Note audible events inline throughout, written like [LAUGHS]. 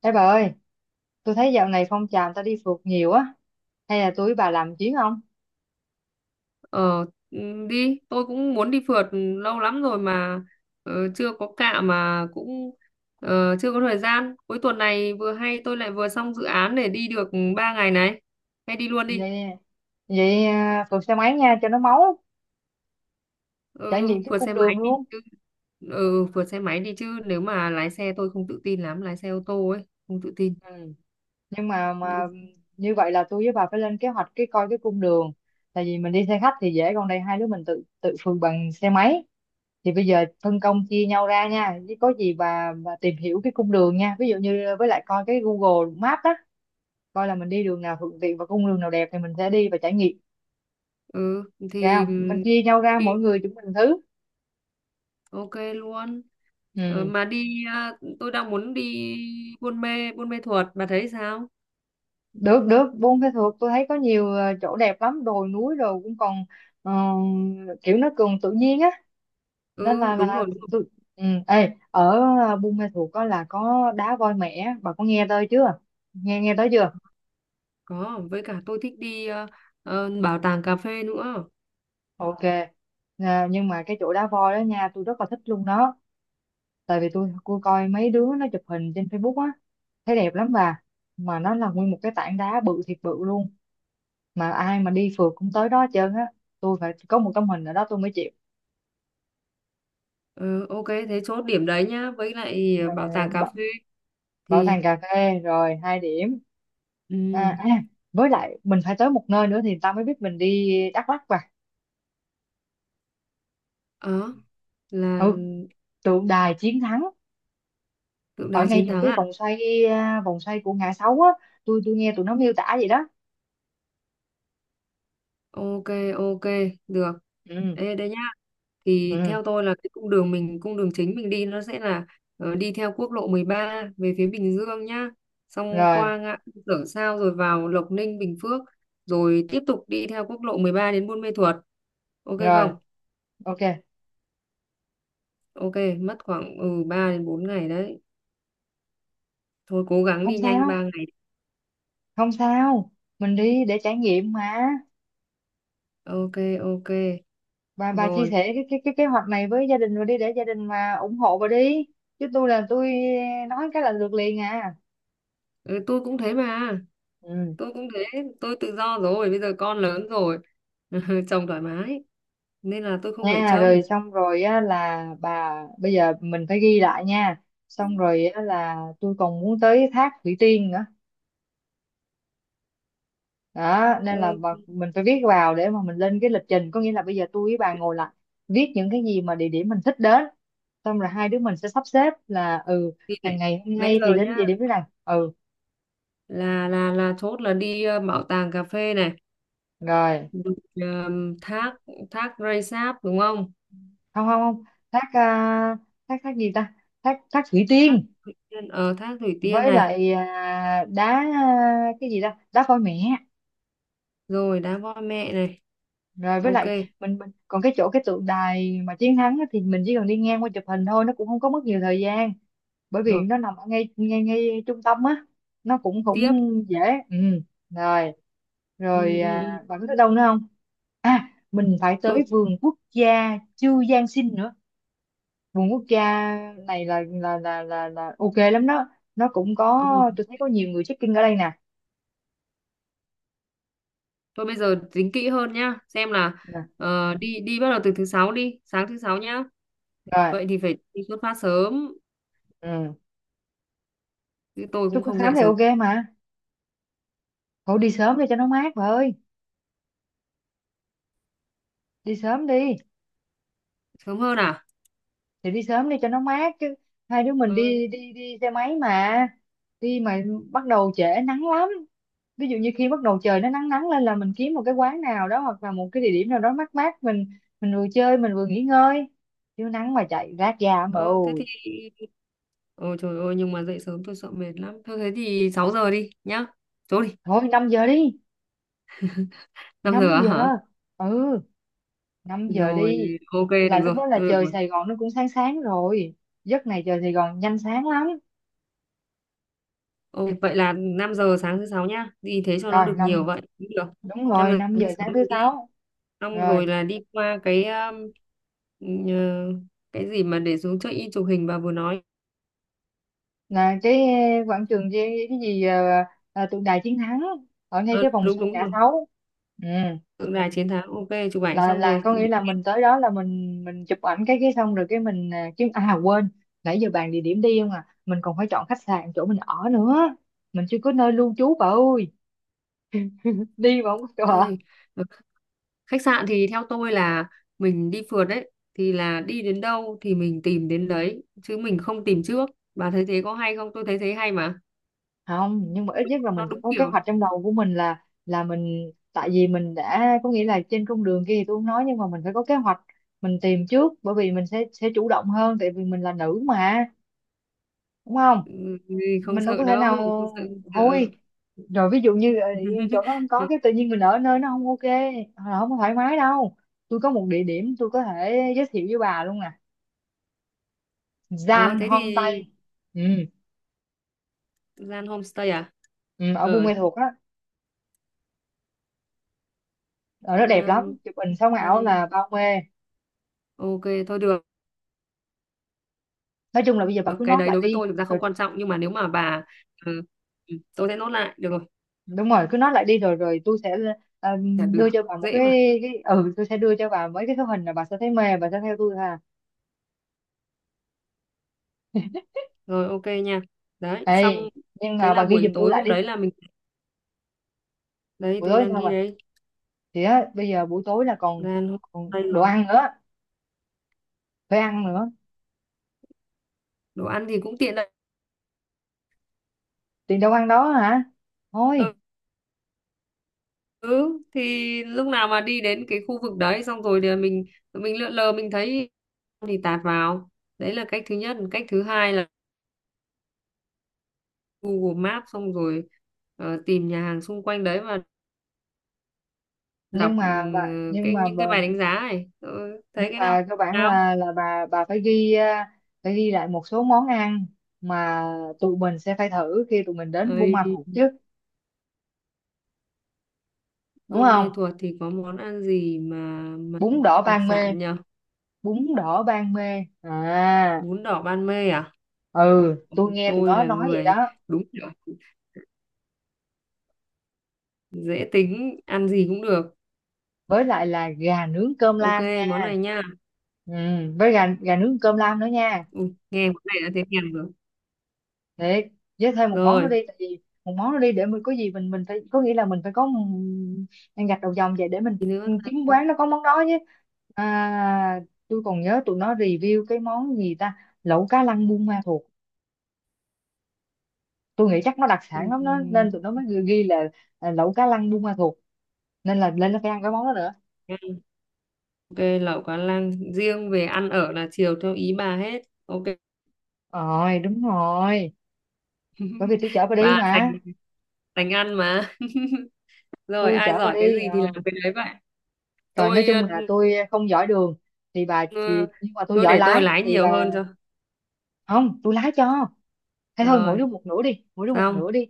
Ê bà ơi, tôi thấy dạo này phong trào người ta đi phượt nhiều á, hay là tôi với bà làm chuyến không? Ờ ừ, đi, tôi cũng muốn đi phượt lâu lắm rồi mà ờ, chưa có cạ mà cũng ờ, chưa có thời gian. Cuối tuần này vừa hay tôi lại vừa xong dự án để đi được 3 ngày này. Hay đi luôn đi. Vậy, vậy à, phượt xe máy nha cho nó máu, trải Ừ, nghiệm cái phượt cung xe máy đường đi luôn. chứ. Ừ, phượt xe máy đi chứ nếu mà lái xe tôi không tự tin lắm, lái xe ô tô ấy, không tự tin. Ừ. Nhưng mà như vậy là tôi với bà phải lên kế hoạch cái coi cái cung đường. Tại vì mình đi xe khách thì dễ, còn đây hai đứa mình tự tự phượt bằng xe máy. Thì bây giờ phân công chia nhau ra nha, chứ có gì bà tìm hiểu cái cung đường nha. Ví dụ như với lại coi cái Google Maps á, coi là mình đi đường nào thuận tiện và cung đường nào đẹp thì mình sẽ đi và trải nghiệm. Ừ, Ra thì không? Mình chia nhau ra đi, mỗi người chúng mình thứ ok luôn. Ờ, ừ. mà đi à, tôi đang muốn đi Buôn Mê, Buôn Mê Thuột, bà thấy sao? Được được Buôn Pê Thuột tôi thấy có nhiều chỗ đẹp lắm, đồi núi rồi cũng còn ờ, kiểu nó còn tự nhiên á, nên Ừ, là đúng là rồi. tôi ừ. Ê, Buôn Mê Thuột có là có đá voi mẻ, bà có nghe tới chưa, nghe nghe tới chưa? Có, với cả tôi thích đi ờ, ờ, bảo tàng cà phê nữa. Ok. À, nhưng mà cái chỗ đá voi đó nha tôi rất là thích luôn đó, tại vì tôi coi mấy đứa nó chụp hình trên Facebook á, thấy đẹp lắm bà, mà nó là nguyên một cái tảng đá bự thiệt bự luôn, mà ai mà đi phượt cũng tới đó hết trơn á, tôi phải có một tấm hình ở đó tôi mới chịu. Ờ, ok, thế chốt điểm đấy nhá. Với lại ờ, Ờ, bảo tàng cà bảo, phê bảo thì tàng cà phê rồi hai điểm. ừ, à, à, với lại mình phải tới một nơi nữa thì tao mới biết mình đi Đắk Lắk và đó là ừ, tượng đài chiến thắng tượng ở đài ngay chiến chỗ thắng cái à? vòng xoay của ngã sáu á, tôi nghe tụi nó miêu tả vậy đó. Ok, ok, được. Ừ. Ê, đây nhá. Thì Ừ, theo tôi là cái cung đường mình, cung đường chính mình đi nó sẽ là ờ, đi theo quốc lộ 13 về phía Bình Dương nhá. Xong rồi, qua ngã tư Sở Sao rồi vào Lộc Ninh, Bình Phước. Rồi tiếp tục đi theo quốc lộ 13 đến Buôn Mê Thuột. Ok rồi, không? ok. Ok, mất khoảng ừ 3 đến 4 ngày đấy. Thôi cố gắng Không đi nhanh sao, 3 ngày. không sao, mình đi để trải nghiệm mà. Ok, ok. Bà chia Rồi, sẻ cái kế hoạch này với gia đình rồi đi để gia đình mà ủng hộ bà đi, chứ tôi là tôi nói cái là lượt liền à. ừ, tôi cũng thế mà. Ừ. Tôi cũng thế, tôi tự do rồi, bây giờ con lớn rồi. [LAUGHS] Chồng thoải mái nên là tôi không phải Nha rồi trông. xong rồi á là bà, bây giờ mình phải ghi lại nha, xong rồi á là tôi còn muốn tới thác Thủy Tiên nữa đó, nên là Ừ, bà, mình phải viết vào để mà mình lên cái lịch trình, có nghĩa là bây giờ tôi với bà ngồi lại viết những cái gì mà địa điểm mình thích đến, xong rồi hai đứa mình sẽ sắp xếp là thì nãy, ngày hôm nãy nay thì giờ đến nhá, địa điểm thế này. Ừ, là chốt là đi ờ, bảo tàng cà phê này, rồi. rồi, thác thác Rây Sáp đúng không? Không, không, không, thác à, thác thác gì ta, thác thác Thủy Thác Tiên. ở thác Thủy Tiên Với này, lại cái gì ta, đá voi mẹ. rồi đá voi mẹ này. Rồi với Ok, lại mình còn cái chỗ cái tượng đài mà chiến thắng á, thì mình chỉ cần đi ngang qua chụp hình thôi, nó cũng không có mất nhiều thời gian, bởi vì rồi nó nằm ở ngay ngay ngay trung tâm á, nó cũng cũng tiếp. dễ. Ừ. Rồi, Ừ, rồi, ừ, ừ. à, bạn có tới đâu nữa không? À, mình phải tới Tôi vườn quốc gia Chu Giang Sinh nữa, vườn quốc gia này là ok lắm đó, nó cũng có, ừ. tôi thấy có nhiều người check-in ở đây nè. Thôi bây giờ tính kỹ hơn nhá, xem là Nè, ờ, đi đi bắt đầu từ thứ sáu đi, sáng thứ sáu nhá. rồi. Vậy thì phải đi xuất phát sớm, Ừ. chứ tôi Xuất cũng phát không sớm dậy thì sớm ok mà, thôi đi sớm đi cho nó mát bà ơi, đi sớm đi, sớm hơn à? thì đi sớm đi cho nó mát chứ, hai đứa mình Ờ, đi đi đi xe máy mà, đi mà bắt đầu trễ nắng lắm, ví dụ như khi bắt đầu trời nó nắng nắng lên là mình kiếm một cái quán nào đó hoặc là một cái địa điểm nào đó mát mát, mình vừa chơi mình vừa nghỉ ngơi, chứ nắng mà chạy rát da mà ờ, thế ôi. thì ôi trời ơi nhưng mà dậy sớm tôi sợ mệt lắm. Thôi thế thì 6 giờ đi nhá. Chỗ đi, Thôi 5 giờ đi. 5 năm giờ á giờ hả? Ừ, 5 giờ đi. Rồi, ok Là được lúc rồi, đó là tôi được trời rồi. Sài Gòn nó cũng sáng sáng rồi, giấc này trời Sài Gòn nhanh sáng lắm. Ồ, vậy là 5 giờ sáng thứ sáu nhá. Đi thế cho nó Rồi được nhiều năm, vậy. Cũng được. đúng năm rồi, giờ năm sáng giờ thứ sáng sáu thứ mình đi. sáu Xong Rồi rồi là đi qua cái nhờ- cái gì mà để xuống chơi in chụp hình bà vừa nói. là cái quảng trường gì, cái gì tượng đài chiến thắng ở ngay Ờ, cái vòng đúng xoay đúng ngã rồi. sáu. Ừ. Tượng đài chiến thắng. Ok, chụp ảnh Là xong rồi. có nghĩa Đi. là mình tới đó là mình chụp ảnh cái xong rồi cái mình, à chứ à quên, nãy giờ bàn địa điểm đi không à, mình còn phải chọn khách sạn chỗ mình ở nữa, mình chưa có nơi lưu trú bà ơi, đi mà không có chỗ ở. Ê, ờ, khách sạn thì theo tôi là mình đi phượt đấy. Thì là đi đến đâu thì mình tìm đến đấy. Chứ mình không tìm trước. Bà thấy thế có hay không? Tôi thấy thế hay mà. Không, nhưng mà ít nhất là Nó mình phải đúng có kế kiểu. hoạch trong đầu của mình là mình, tại vì mình đã có nghĩa là trên con đường kia thì tôi không nói, nhưng mà mình phải có kế hoạch mình tìm trước, bởi vì mình sẽ chủ động hơn, tại vì mình là nữ mà, đúng không, Ừ, không mình đâu sợ có thể nào đâu. Không sợ, không sợ. hôi. Rồi ví dụ như chỗ đó không [LAUGHS] có cái tự nhiên, mình ở nơi nó không ok, hoặc là không có thoải mái đâu, tôi có một địa điểm tôi có thể giới thiệu với bà luôn nè: Ờ Gian thế Hôm thì Tây. Ừ, gian homestay à? ừ, ở Buôn Ở Ma Thuột đó, ở đó đẹp lắm, gian chụp hình sống ảo là đây. bao mê. Ok, thôi được, Nói chung là bây giờ bà cứ cái nốt đấy lại đối với đi tôi thực ra rồi không quan trọng, nhưng mà nếu mà bà ừ, ừ, tôi sẽ nốt lại được rồi, đúng rồi, cứ nốt lại đi rồi rồi tôi sẽ, ờ, là được. đưa cho bà một Dễ mà, cái ừ tôi sẽ đưa cho bà mấy cái số hình là bà sẽ thấy mê, bà sẽ theo tôi ha. rồi ok nha, đấy xong. Ê, nhưng Thế mà bà là ghi buổi giùm tôi tối lại hôm đi, đấy là mình, đấy buổi tôi tối đang sao ghi bà, đấy, thì á bây giờ buổi tối là còn, gian homestay còn đồ rồi. ăn nữa, phải ăn nữa, Đồ ăn thì cũng tiện đấy. tiền đâu ăn đó hả, thôi. Ừ, ừ, thì lúc nào mà đi đến cái khu vực đấy xong rồi thì mình lượn lờ mình thấy thì tạt vào, đấy là cách thứ nhất. Cách thứ hai là Google Maps, xong rồi ờ, tìm nhà hàng xung quanh đấy và đọc nhưng ừ, mà bà nhưng cái mà những bà cái bài đánh giá này. Tôi thấy nhưng cái nào mà cơ bản nào là bà phải ghi lại một số món ăn mà tụi mình sẽ phải thử khi tụi mình đến Buôn ơi. Ma Thuột chứ, đúng Buôn Mê không? Thuột thì có món ăn gì mà Bún đỏ đặc Ban Mê. sản nhờ? Bún đỏ Ban Mê à? Bún đỏ Ban Mê à? Ồ, Ừ, tôi nghe tụi tôi nó là nói vậy đó. người đúng kiểu dễ tính ăn gì cũng được. Với lại là gà nướng cơm Ok, lam món nha. này nha. Ừ, với gà gà nướng cơm lam nữa nha. Ui, nghe món này đã thấy thèm rồi Thiệt, với thêm một món nữa rồi. đi, tại vì một món nữa đi để mình có gì mình phải có nghĩa là mình phải có ăn gạch đầu dòng vậy để Thì nữa mình ta? kiếm quán nó có món đó chứ. À, tôi còn nhớ tụi nó review cái món gì ta, lẩu cá lăng Buôn Ma Thuột, tôi nghĩ chắc nó đặc sản lắm đó Ừm, nên tụi nó mới ghi ghi là à, lẩu cá lăng Buôn Ma Thuột, nên là lên nó phải ăn cái món đó nữa. ok lẩu cá lăng, riêng về ăn ở là chiều theo ý bà hết. Ok. Rồi, đúng rồi, bởi vì [LAUGHS] tôi chở bà đi Và thành mà, thành ăn mà. Rồi tôi ai chở bà giỏi cái đi gì thì ờ. làm cái đấy vậy. Rồi nói Tôi ờ, chung là tôi không giỏi đường thì bà, thì ờ, nhưng mà tôi tôi giỏi để tôi lái lái thì bà, nhiều hơn cho. không tôi lái cho. Thế thôi mỗi Rồi đứa một nửa đi, mỗi đứa một xong nửa đi,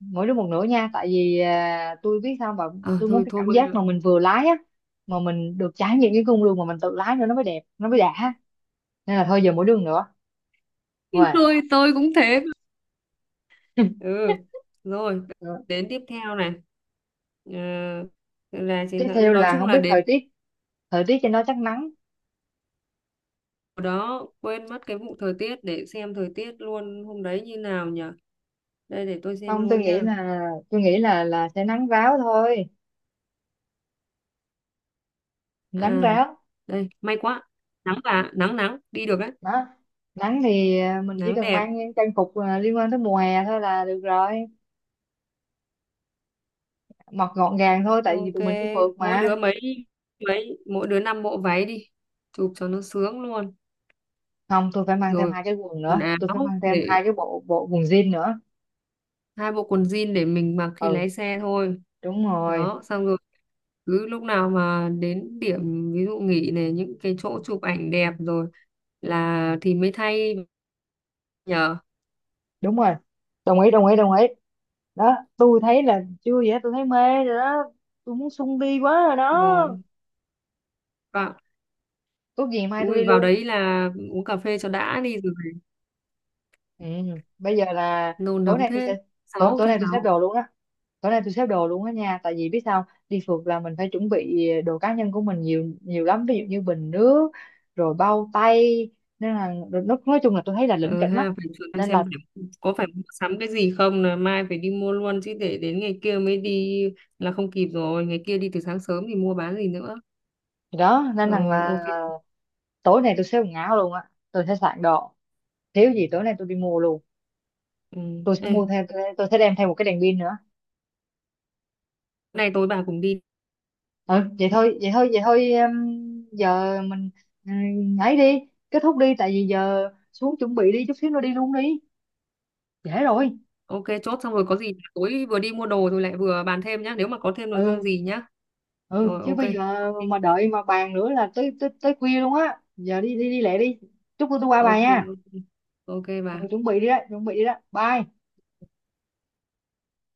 mỗi đứa một nửa nha. Tại vì à, tôi biết sao mà ờ tôi muốn thôi cái thôi cảm mới giác được. mà mình vừa lái á, mà mình được trải nghiệm cái cung đường mà mình tự lái nữa nó mới đẹp, nó mới đã. Nên là thôi giờ mỗi đứa một nửa. Rồi. [LAUGHS] Tôi cũng thế. Ừ, rồi Ừ. đến tiếp theo này. Ờ, là chiến Tiếp thắng theo nói là chung không là biết đến thời tiết trên đó chắc nắng. hồi đó quên mất cái vụ thời tiết, để xem thời tiết luôn hôm đấy như nào nhỉ. Đây để tôi xem Không, tôi luôn nghĩ nha. là tôi nghĩ là sẽ nắng ráo thôi, nắng À ráo. đây, may quá, nắng và nắng nắng đi được đấy. Đó. Nắng thì à, mình chỉ Nắng cần đẹp. mang những trang phục à, liên quan tới mùa hè thôi là được rồi, mặc gọn gàng thôi tại vì Ok, tụi mình đi phượt mỗi mà. đứa mấy mỗi đứa 5 bộ váy đi, chụp cho nó sướng luôn. Không tôi phải mang thêm Rồi hai cái quần nữa, tôi phải áo mang thêm để hai cái bộ bộ quần jean nữa. 2 bộ quần jean để mình mặc khi Ừ, lái xe thôi. đúng rồi, Đó, xong rồi cứ lúc nào mà đến điểm ví dụ nghỉ này những cái chỗ chụp ảnh đẹp rồi là thì mới thay nhờ. đúng rồi, đồng ý đồng ý đồng ý. Đó, tôi thấy là chưa vậy tôi thấy mê rồi đó, tôi muốn sung đi quá rồi đó, Rồi, vào tốt gì mai tôi ui đi vào luôn. đấy là uống cà phê cho đã đi rồi. Ừ. Bây giờ là Nôn tối nóng nay tôi thế. sẽ, Sáu tối thứ nay tôi xếp sáu. đồ luôn á, tối nay tôi xếp đồ luôn á nha, tại vì biết sao đi phượt là mình phải chuẩn bị đồ cá nhân của mình nhiều nhiều lắm, ví dụ như bình nước rồi bao tay, nên là nói chung là tôi thấy là lỉnh Ừ kỉnh lắm ha, phải thử em nên xem là. phải, có phải mua sắm cái gì không là mai phải đi mua luôn chứ để đến ngày kia mới đi là không kịp rồi, ngày kia đi từ sáng sớm thì mua bán gì nữa. Thì đó nên rằng Rồi ok. là tối nay tôi sẽ quần áo luôn á, tôi sẽ soạn đồ, thiếu gì tối nay tôi đi mua luôn, Ừ. tôi sẽ Ê, mua thêm tôi sẽ đem theo một cái đèn pin nữa. nay tối bà cùng đi. Ừ, vậy thôi vậy thôi vậy thôi em, giờ mình ấy đi, kết thúc đi tại vì giờ xuống chuẩn bị đi chút xíu nữa đi luôn đi, trễ rồi. Ok, chốt xong rồi, có gì tối vừa đi mua đồ rồi lại vừa bàn thêm nhá, nếu mà có thêm nội dung Ừ. gì nhá. Ừ, Rồi chứ ok bây giờ ok mà đợi mà bàn nữa là tới tới tới khuya luôn á, giờ đi đi đi lẹ đi. Chút nữa tôi qua bà ok nha. ok, ok bà. Ừ, chuẩn bị đi đó chuẩn bị đi đó bye.